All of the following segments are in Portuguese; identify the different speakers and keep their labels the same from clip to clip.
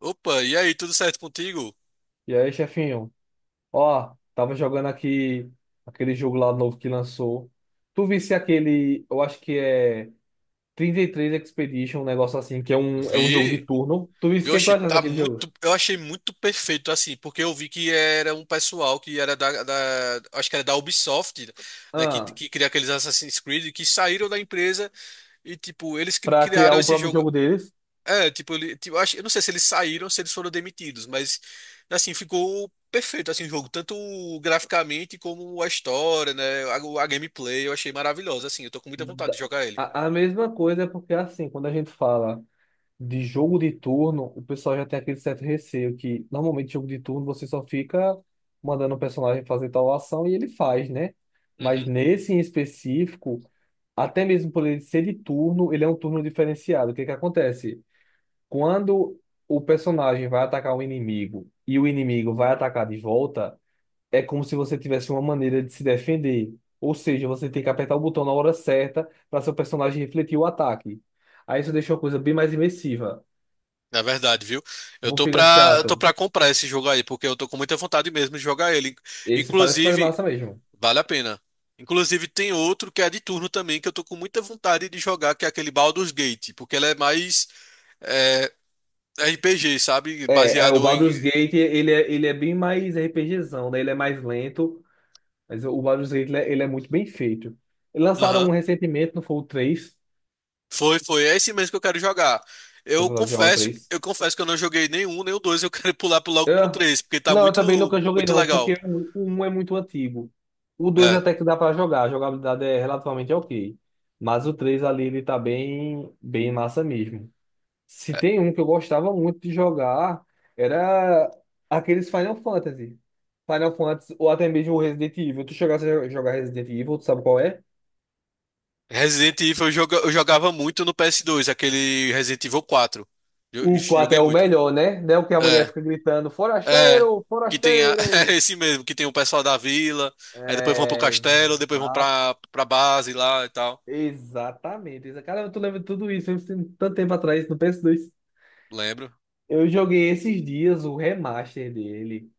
Speaker 1: Opa, e aí, tudo certo contigo?
Speaker 2: E aí, chefinho? Ó, tava jogando aqui aquele jogo lá novo que lançou. Tu visse aquele, eu acho que é 33 Expedition, um negócio assim, que é um jogo de
Speaker 1: Vi.
Speaker 2: turno. Tu visse o que tu
Speaker 1: Oxe,
Speaker 2: achaste
Speaker 1: tá
Speaker 2: daquele jogo?
Speaker 1: muito. Eu achei muito perfeito assim, porque eu vi que era um pessoal que era acho que era da Ubisoft, né? Que,
Speaker 2: Ah,
Speaker 1: que cria aqueles Assassin's Creed que saíram da empresa e, tipo, eles
Speaker 2: pra criar
Speaker 1: criaram
Speaker 2: o
Speaker 1: esse
Speaker 2: próprio
Speaker 1: jogo.
Speaker 2: jogo deles.
Speaker 1: É, tipo, ele, tipo, eu acho, eu não sei se eles saíram ou se eles foram demitidos, mas assim, ficou perfeito assim o jogo, tanto graficamente como a história, né? A gameplay, eu achei maravilhosa, assim, eu tô com muita vontade
Speaker 2: da-
Speaker 1: de jogar ele.
Speaker 2: a mesma coisa é porque é assim, quando a gente fala de jogo de turno, o pessoal já tem aquele certo receio que normalmente jogo de turno você só fica mandando o personagem fazer tal ação e ele faz, né? Mas nesse em específico, até mesmo por ele ser de turno, ele é um turno diferenciado. O que que acontece? Quando o personagem vai atacar um inimigo e o inimigo vai atacar de volta, é como se você tivesse uma maneira de se defender. Ou seja, você tem que apertar o botão na hora certa para seu personagem refletir o ataque. Aí isso deixa uma coisa bem mais imersiva.
Speaker 1: Na verdade, viu?
Speaker 2: Não fica
Speaker 1: Eu tô
Speaker 2: chato.
Speaker 1: pra comprar esse jogo aí, porque eu tô com muita vontade mesmo de jogar ele.
Speaker 2: Esse parece fazer
Speaker 1: Inclusive,
Speaker 2: massa mesmo.
Speaker 1: vale a pena. Inclusive, tem outro que é de turno também, que eu tô com muita vontade de jogar, que é aquele Baldur's Gate, porque ele é mais é, RPG, sabe?
Speaker 2: O
Speaker 1: Baseado em.
Speaker 2: Baldur's Gate, ele é bem mais RPGzão, né? Ele é mais lento, mas o Baldur's Gate, ele é muito bem feito. Eles lançaram
Speaker 1: Aham.
Speaker 2: um recentemente, não foi o 3?
Speaker 1: Foi. É esse mesmo que eu quero jogar.
Speaker 2: Deixa eu falar de jogar o 3.
Speaker 1: Eu confesso que eu não joguei nenhum, nem o dois. Eu quero pular logo pro
Speaker 2: Ah,
Speaker 1: três, porque tá
Speaker 2: não, eu também nunca joguei
Speaker 1: muito
Speaker 2: não,
Speaker 1: legal.
Speaker 2: porque o um é muito antigo. O 2 até que dá pra jogar, a jogabilidade é relativamente ok. Mas o 3 ali, ele tá bem, bem massa mesmo. Se
Speaker 1: É.
Speaker 2: tem um que eu gostava muito de jogar, era aqueles Final Fantasy. Final Fantasy, ou até mesmo o Resident Evil. Tu chegasse a jogar Resident Evil, tu sabe qual é?
Speaker 1: Resident Evil eu jogava muito no PS2, aquele Resident Evil 4. Eu-
Speaker 2: O 4
Speaker 1: Joguei
Speaker 2: é o
Speaker 1: muito.
Speaker 2: melhor, né? Não é o que a mulher
Speaker 1: É,
Speaker 2: fica gritando,
Speaker 1: é.
Speaker 2: forasteiro,
Speaker 1: Que tem é
Speaker 2: forasteiro.
Speaker 1: esse mesmo, que tem o pessoal da vila, aí depois vão pro
Speaker 2: É,
Speaker 1: castelo, depois vão pra base lá e tal.
Speaker 2: exatamente. Caramba, tu lembra de tudo isso, eu tenho tanto tempo atrás, no PS2.
Speaker 1: Lembro.
Speaker 2: Eu joguei esses dias o remaster dele.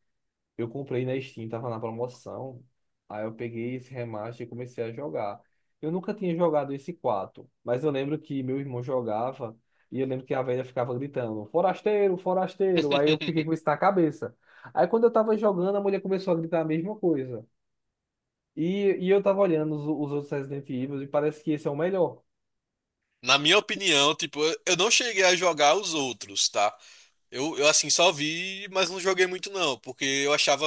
Speaker 2: Eu comprei na Steam, tava na promoção. Aí eu peguei esse remaster e comecei a jogar. Eu nunca tinha jogado esse 4 mas eu lembro que meu irmão jogava e eu lembro que a velha ficava gritando: forasteiro, forasteiro. Aí eu fiquei com isso na cabeça. Aí quando eu tava jogando, a mulher começou a gritar a mesma coisa. E eu tava olhando os outros Resident Evil e parece que esse é o melhor.
Speaker 1: Na minha opinião, tipo, eu não cheguei a jogar os outros, tá? Eu assim só vi, mas não joguei muito não, porque eu achava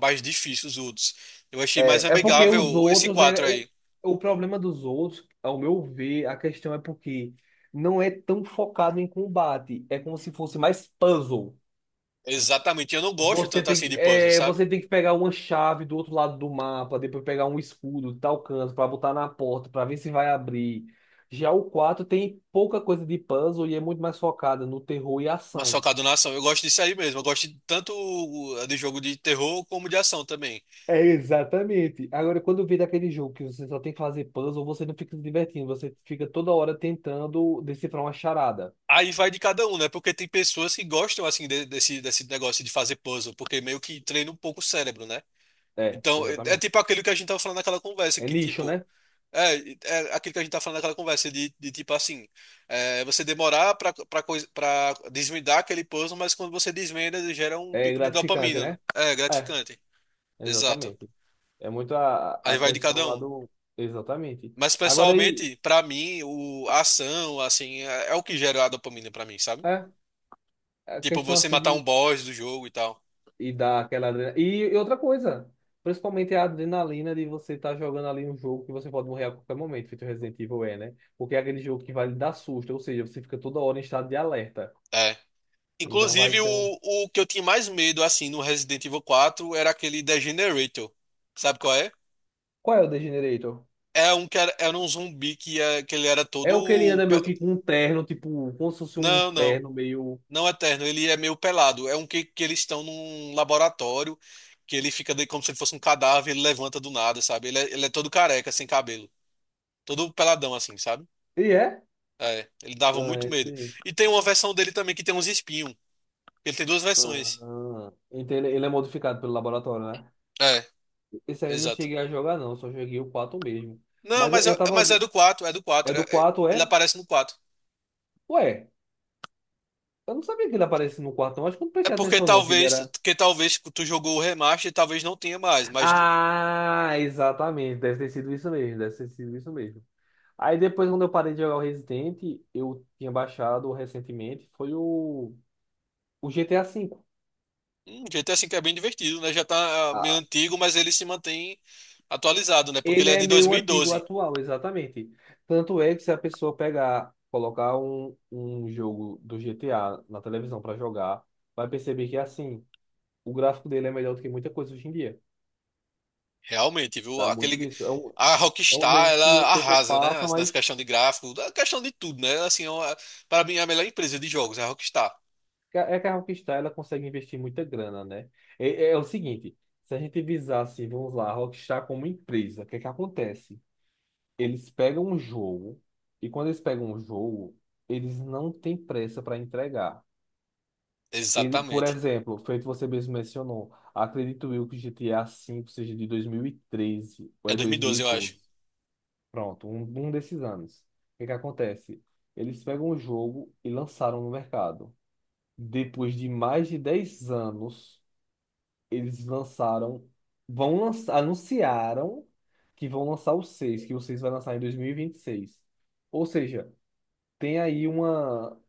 Speaker 1: mais difícil os outros. Eu achei mais
Speaker 2: É porque os
Speaker 1: amigável esse
Speaker 2: outros,
Speaker 1: 4 aí.
Speaker 2: o problema dos outros, ao meu ver, a questão é porque não é tão focado em combate. É como se fosse mais puzzle.
Speaker 1: Exatamente. Eu não gosto
Speaker 2: Você
Speaker 1: tanto assim
Speaker 2: tem,
Speaker 1: de puzzle, sabe?
Speaker 2: você tem que pegar uma chave do outro lado do mapa, depois pegar um escudo de tal canto para botar na porta, para ver se vai abrir. Já o 4 tem pouca coisa de puzzle e é muito mais focada no terror e
Speaker 1: Mas
Speaker 2: ação.
Speaker 1: focado na ação. Eu gosto disso aí mesmo. Eu gosto tanto de jogo de terror como de ação também.
Speaker 2: É exatamente. Agora, quando vira daquele jogo que você só tem que fazer puzzle, você não fica se divertindo, você fica toda hora tentando decifrar uma charada.
Speaker 1: Aí vai de cada um, né? Porque tem pessoas que gostam, assim, desse negócio de fazer puzzle, porque meio que treina um pouco o cérebro, né?
Speaker 2: É,
Speaker 1: Então, é
Speaker 2: exatamente.
Speaker 1: tipo aquilo que a gente tava falando naquela conversa,
Speaker 2: É
Speaker 1: que
Speaker 2: nicho,
Speaker 1: tipo.
Speaker 2: né?
Speaker 1: É, é aquilo que a gente tá falando naquela conversa, de tipo assim. É, você demorar pra desvendar aquele puzzle, mas quando você desvenda, gera um
Speaker 2: É
Speaker 1: pico de
Speaker 2: gratificante,
Speaker 1: dopamina. Né?
Speaker 2: né?
Speaker 1: É
Speaker 2: É,
Speaker 1: gratificante. Exato.
Speaker 2: exatamente. É muito a
Speaker 1: Aí vai de
Speaker 2: questão
Speaker 1: cada
Speaker 2: lá
Speaker 1: um.
Speaker 2: do. Exatamente.
Speaker 1: Mas
Speaker 2: Agora aí,
Speaker 1: pessoalmente, pra mim, o a ação, assim, é o que gera a dopamina pra mim, sabe?
Speaker 2: é, a
Speaker 1: Tipo,
Speaker 2: questão
Speaker 1: você
Speaker 2: assim
Speaker 1: matar um
Speaker 2: de
Speaker 1: boss do jogo e tal.
Speaker 2: E dá aquela adrenalina. E outra coisa, principalmente a adrenalina de você estar jogando ali um jogo que você pode morrer a qualquer momento, feito Resident Evil é, né? Porque é aquele jogo que vai lhe dar susto, ou seja, você fica toda hora em estado de alerta.
Speaker 1: É.
Speaker 2: Então vai
Speaker 1: Inclusive,
Speaker 2: ser um.
Speaker 1: o que eu tinha mais medo, assim, no Resident Evil 4 era aquele Degenerator. Sabe qual é?
Speaker 2: Qual é o Degenerator?
Speaker 1: É um que era um zumbi que ele era todo.
Speaker 2: É o que ele anda
Speaker 1: pe-
Speaker 2: meio que com um terno, tipo, como se fosse um
Speaker 1: Não, não.
Speaker 2: terno meio.
Speaker 1: Não eterno, ele é meio pelado. É um que eles estão num laboratório, que ele fica de, como se ele fosse um cadáver, ele levanta do nada, sabe? Ele é todo careca, sem cabelo. Todo peladão, assim, sabe?
Speaker 2: E é?
Speaker 1: É, ele dava
Speaker 2: Ah,
Speaker 1: muito
Speaker 2: é,
Speaker 1: medo.
Speaker 2: tem.
Speaker 1: E tem uma versão dele também que tem uns espinhos. Ele tem duas
Speaker 2: Ah,
Speaker 1: versões.
Speaker 2: ah. Então ele é modificado pelo laboratório, né?
Speaker 1: É,
Speaker 2: Esse aí eu não
Speaker 1: exato.
Speaker 2: cheguei a jogar, não, só joguei o 4 mesmo.
Speaker 1: Não,
Speaker 2: Mas eu, eu tava.
Speaker 1: mas é do 4. É do
Speaker 2: É
Speaker 1: 4.
Speaker 2: do 4
Speaker 1: Ele
Speaker 2: é?
Speaker 1: aparece no 4.
Speaker 2: Ué. Eu não sabia que ele aparecia no quarto, não. Acho que eu não
Speaker 1: É
Speaker 2: prestei
Speaker 1: porque
Speaker 2: atenção, não, que ele
Speaker 1: talvez,
Speaker 2: era.
Speaker 1: que talvez tu jogou o remaster e talvez não tenha mais, mas
Speaker 2: Ah, exatamente. Deve ter sido isso mesmo. Deve ter sido isso mesmo. Aí depois, quando eu parei de jogar o Resident, eu tinha baixado recentemente, foi o GTA V.
Speaker 1: um GTA V é bem divertido, né? Já tá ah, meio
Speaker 2: Ah,
Speaker 1: antigo, mas ele se mantém atualizado, né? Porque ele
Speaker 2: ele
Speaker 1: é
Speaker 2: é
Speaker 1: de dois
Speaker 2: meio
Speaker 1: mil e
Speaker 2: antigo
Speaker 1: doze
Speaker 2: atual, exatamente. Tanto é que se a pessoa pegar, colocar um jogo do GTA na televisão para jogar, vai perceber que assim, o gráfico dele é melhor do que muita coisa hoje em dia.
Speaker 1: realmente, viu?
Speaker 2: Dá muito
Speaker 1: Aquele...
Speaker 2: disso. É um,
Speaker 1: A
Speaker 2: é um
Speaker 1: Rockstar,
Speaker 2: jogo
Speaker 1: ela
Speaker 2: que o tempo
Speaker 1: arrasa, né?
Speaker 2: passa,
Speaker 1: Assim, nessa
Speaker 2: mas
Speaker 1: questão de gráfico, na questão de tudo, né? Assim, para mim, é a melhor empresa de jogos é a Rockstar.
Speaker 2: É que a Rockstar ela consegue investir muita grana, né? É o seguinte, se a gente visasse, vamos lá, a Rockstar como empresa, o que é que acontece? Eles pegam um jogo e quando eles pegam um jogo, eles não têm pressa para entregar. Ele, por
Speaker 1: Exatamente.
Speaker 2: exemplo, feito você mesmo mencionou, acredito eu que GTA V seja de 2013 ou
Speaker 1: É
Speaker 2: é
Speaker 1: dois mil e
Speaker 2: dois mil e
Speaker 1: doze eu acho.
Speaker 2: doze, pronto, um desses anos. O que é que acontece? Eles pegam o jogo e lançaram no mercado. Depois de mais de 10 anos eles lançaram, vão lançar, anunciaram que vão lançar o 6 que o 6 vai lançar em dois mil e vinte e seis. Ou seja, tem aí uma,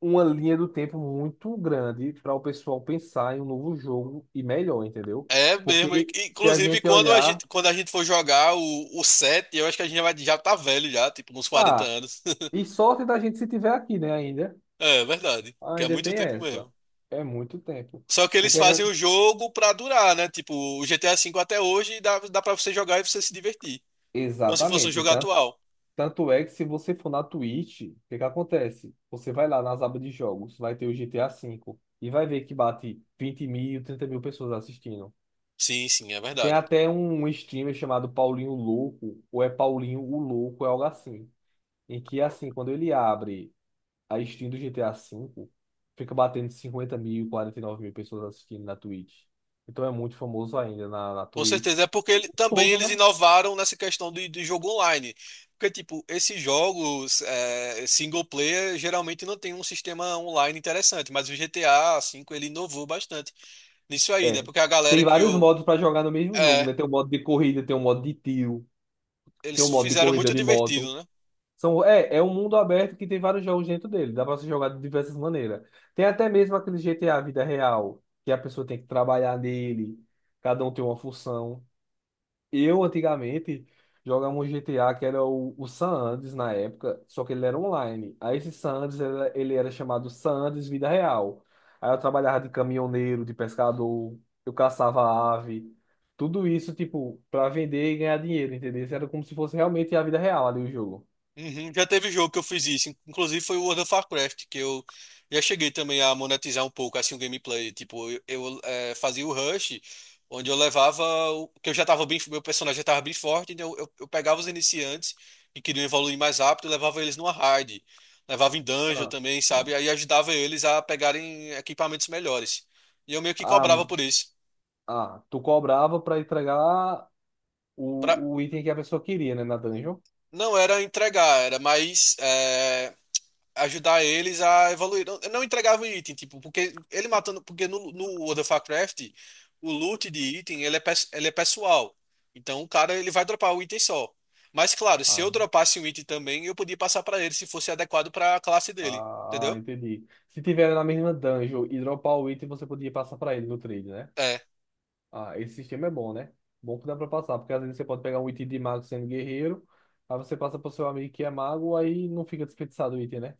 Speaker 2: uma linha do tempo muito grande para o pessoal pensar em um novo jogo e melhor, entendeu?
Speaker 1: É mesmo.
Speaker 2: Porque se a
Speaker 1: Inclusive,
Speaker 2: gente olhar,
Speaker 1: quando a gente for jogar o set, eu acho que a gente vai, já tá velho já, tipo, uns 40
Speaker 2: ah,
Speaker 1: anos.
Speaker 2: e sorte da gente se tiver aqui, né, ainda.
Speaker 1: É, verdade. Que é
Speaker 2: Ainda
Speaker 1: muito
Speaker 2: tem
Speaker 1: tempo
Speaker 2: essa.
Speaker 1: mesmo.
Speaker 2: É muito tempo.
Speaker 1: Só que
Speaker 2: O
Speaker 1: eles
Speaker 2: que é
Speaker 1: fazem
Speaker 2: que-
Speaker 1: o jogo pra durar, né? Tipo, o GTA V até hoje dá pra você jogar e você se divertir. Como se fosse um
Speaker 2: Exatamente,
Speaker 1: jogo
Speaker 2: tá?
Speaker 1: atual.
Speaker 2: Tanto é que se você for na Twitch, o que que acontece? Você vai lá nas abas de jogos, vai ter o GTA V e vai ver que bate 20 mil, 30 mil pessoas assistindo.
Speaker 1: Sim, sim, é
Speaker 2: Tem
Speaker 1: verdade.
Speaker 2: até um streamer chamado Paulinho Louco, ou é Paulinho o Louco, é algo assim. Em que, assim, quando ele abre a stream do GTA V, fica batendo 50 mil, 49 mil pessoas assistindo na Twitch. Então é muito famoso ainda na
Speaker 1: Com
Speaker 2: Twitch.
Speaker 1: certeza, é porque
Speaker 2: O
Speaker 1: ele,
Speaker 2: mundo
Speaker 1: também
Speaker 2: todo,
Speaker 1: eles
Speaker 2: né?
Speaker 1: inovaram nessa questão de jogo online. Porque, tipo, esses jogos é, single player geralmente não tem um sistema online interessante, mas o GTA V ele inovou bastante nisso aí, né?
Speaker 2: É.
Speaker 1: Porque a galera
Speaker 2: Tem vários
Speaker 1: criou.
Speaker 2: modos pra jogar no mesmo jogo,
Speaker 1: É,
Speaker 2: né? Tem um modo de corrida, tem um modo de tiro, tem
Speaker 1: eles
Speaker 2: um modo de
Speaker 1: fizeram
Speaker 2: corrida
Speaker 1: muito
Speaker 2: de
Speaker 1: divertido,
Speaker 2: moto.
Speaker 1: né?
Speaker 2: São, é um mundo aberto que tem vários jogos dentro dele. Dá pra se jogar de diversas maneiras. Tem até mesmo aquele GTA Vida Real, que a pessoa tem que trabalhar nele, cada um tem uma função. Eu antigamente jogava um GTA que era o San Andreas na época, só que ele era online. Aí esse San Andreas era, ele era chamado San Andreas Vida Real. Aí eu trabalhava de caminhoneiro, de pescador, eu caçava ave, tudo isso tipo para vender e ganhar dinheiro, entendeu? Isso era como se fosse realmente a vida real ali o jogo.
Speaker 1: Uhum, já teve jogo que eu fiz isso. Inclusive foi o World of Warcraft, que eu já cheguei também a monetizar um pouco assim o gameplay. Tipo, fazia o rush, onde eu levava. Que eu já tava bem. Meu personagem já tava bem forte, então eu pegava os iniciantes que queriam evoluir mais rápido e levava eles numa raid. Levava em dungeon
Speaker 2: Ah,
Speaker 1: também, sabe? Aí ajudava eles a pegarem equipamentos melhores. E eu meio que
Speaker 2: ah,
Speaker 1: cobrava por isso.
Speaker 2: ah, tu cobrava para entregar
Speaker 1: Pra...
Speaker 2: o item que a pessoa queria, né, na dungeon.
Speaker 1: Não era entregar, era mais. É, ajudar eles a evoluir. Não, eu não entregava item, tipo, porque ele matando, porque no World of Warcraft, o loot de item, ele é, ele é pessoal. Então o cara, ele vai dropar o item só. Mas claro, se
Speaker 2: Ah,
Speaker 1: eu dropasse um item também, eu podia passar pra ele se fosse adequado pra classe dele,
Speaker 2: ah,
Speaker 1: entendeu?
Speaker 2: entendi. Se tiver na mesma dungeon e dropar o item, você podia passar pra ele no trade, né?
Speaker 1: É,
Speaker 2: Ah, esse sistema é bom, né? Bom que dá pra passar, porque às vezes você pode pegar um item de mago sendo guerreiro, aí você passa pro seu amigo que é mago, aí não fica desperdiçado o item, né?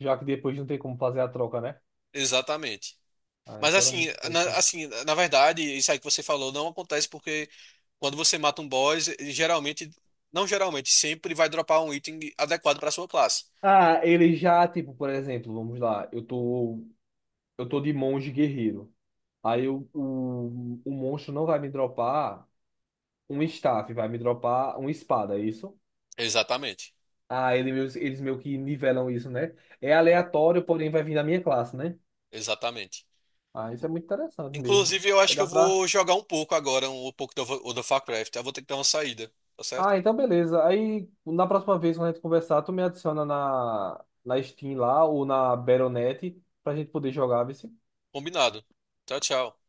Speaker 2: Já que depois não tem como fazer a troca, né?
Speaker 1: exatamente.
Speaker 2: Ah,
Speaker 1: Mas
Speaker 2: então era
Speaker 1: assim,
Speaker 2: muito bom isso aí.
Speaker 1: assim, na verdade, isso aí que você falou não acontece porque quando você mata um boss, ele geralmente, não geralmente, sempre vai dropar um item adequado pra sua classe.
Speaker 2: Ah, ele já, tipo, por exemplo, vamos lá, eu tô de monge guerreiro. Aí o monstro não vai me dropar um staff, vai me dropar uma espada, é isso?
Speaker 1: Exatamente.
Speaker 2: Ah, eles meio que nivelam isso, né? É aleatório, porém vai vir da minha classe, né?
Speaker 1: Exatamente.
Speaker 2: Ah, isso é muito interessante mesmo.
Speaker 1: Inclusive, eu
Speaker 2: Aí
Speaker 1: acho que eu
Speaker 2: dá pra.
Speaker 1: vou jogar um pouco agora, um pouco do Warcraft. Eu vou ter que dar uma saída, tá certo?
Speaker 2: Ah, então beleza. Aí na próxima vez, quando a gente conversar, tu me adiciona na Steam lá ou na Battle.net pra gente poder jogar, vê
Speaker 1: Combinado. Tchau, tchau.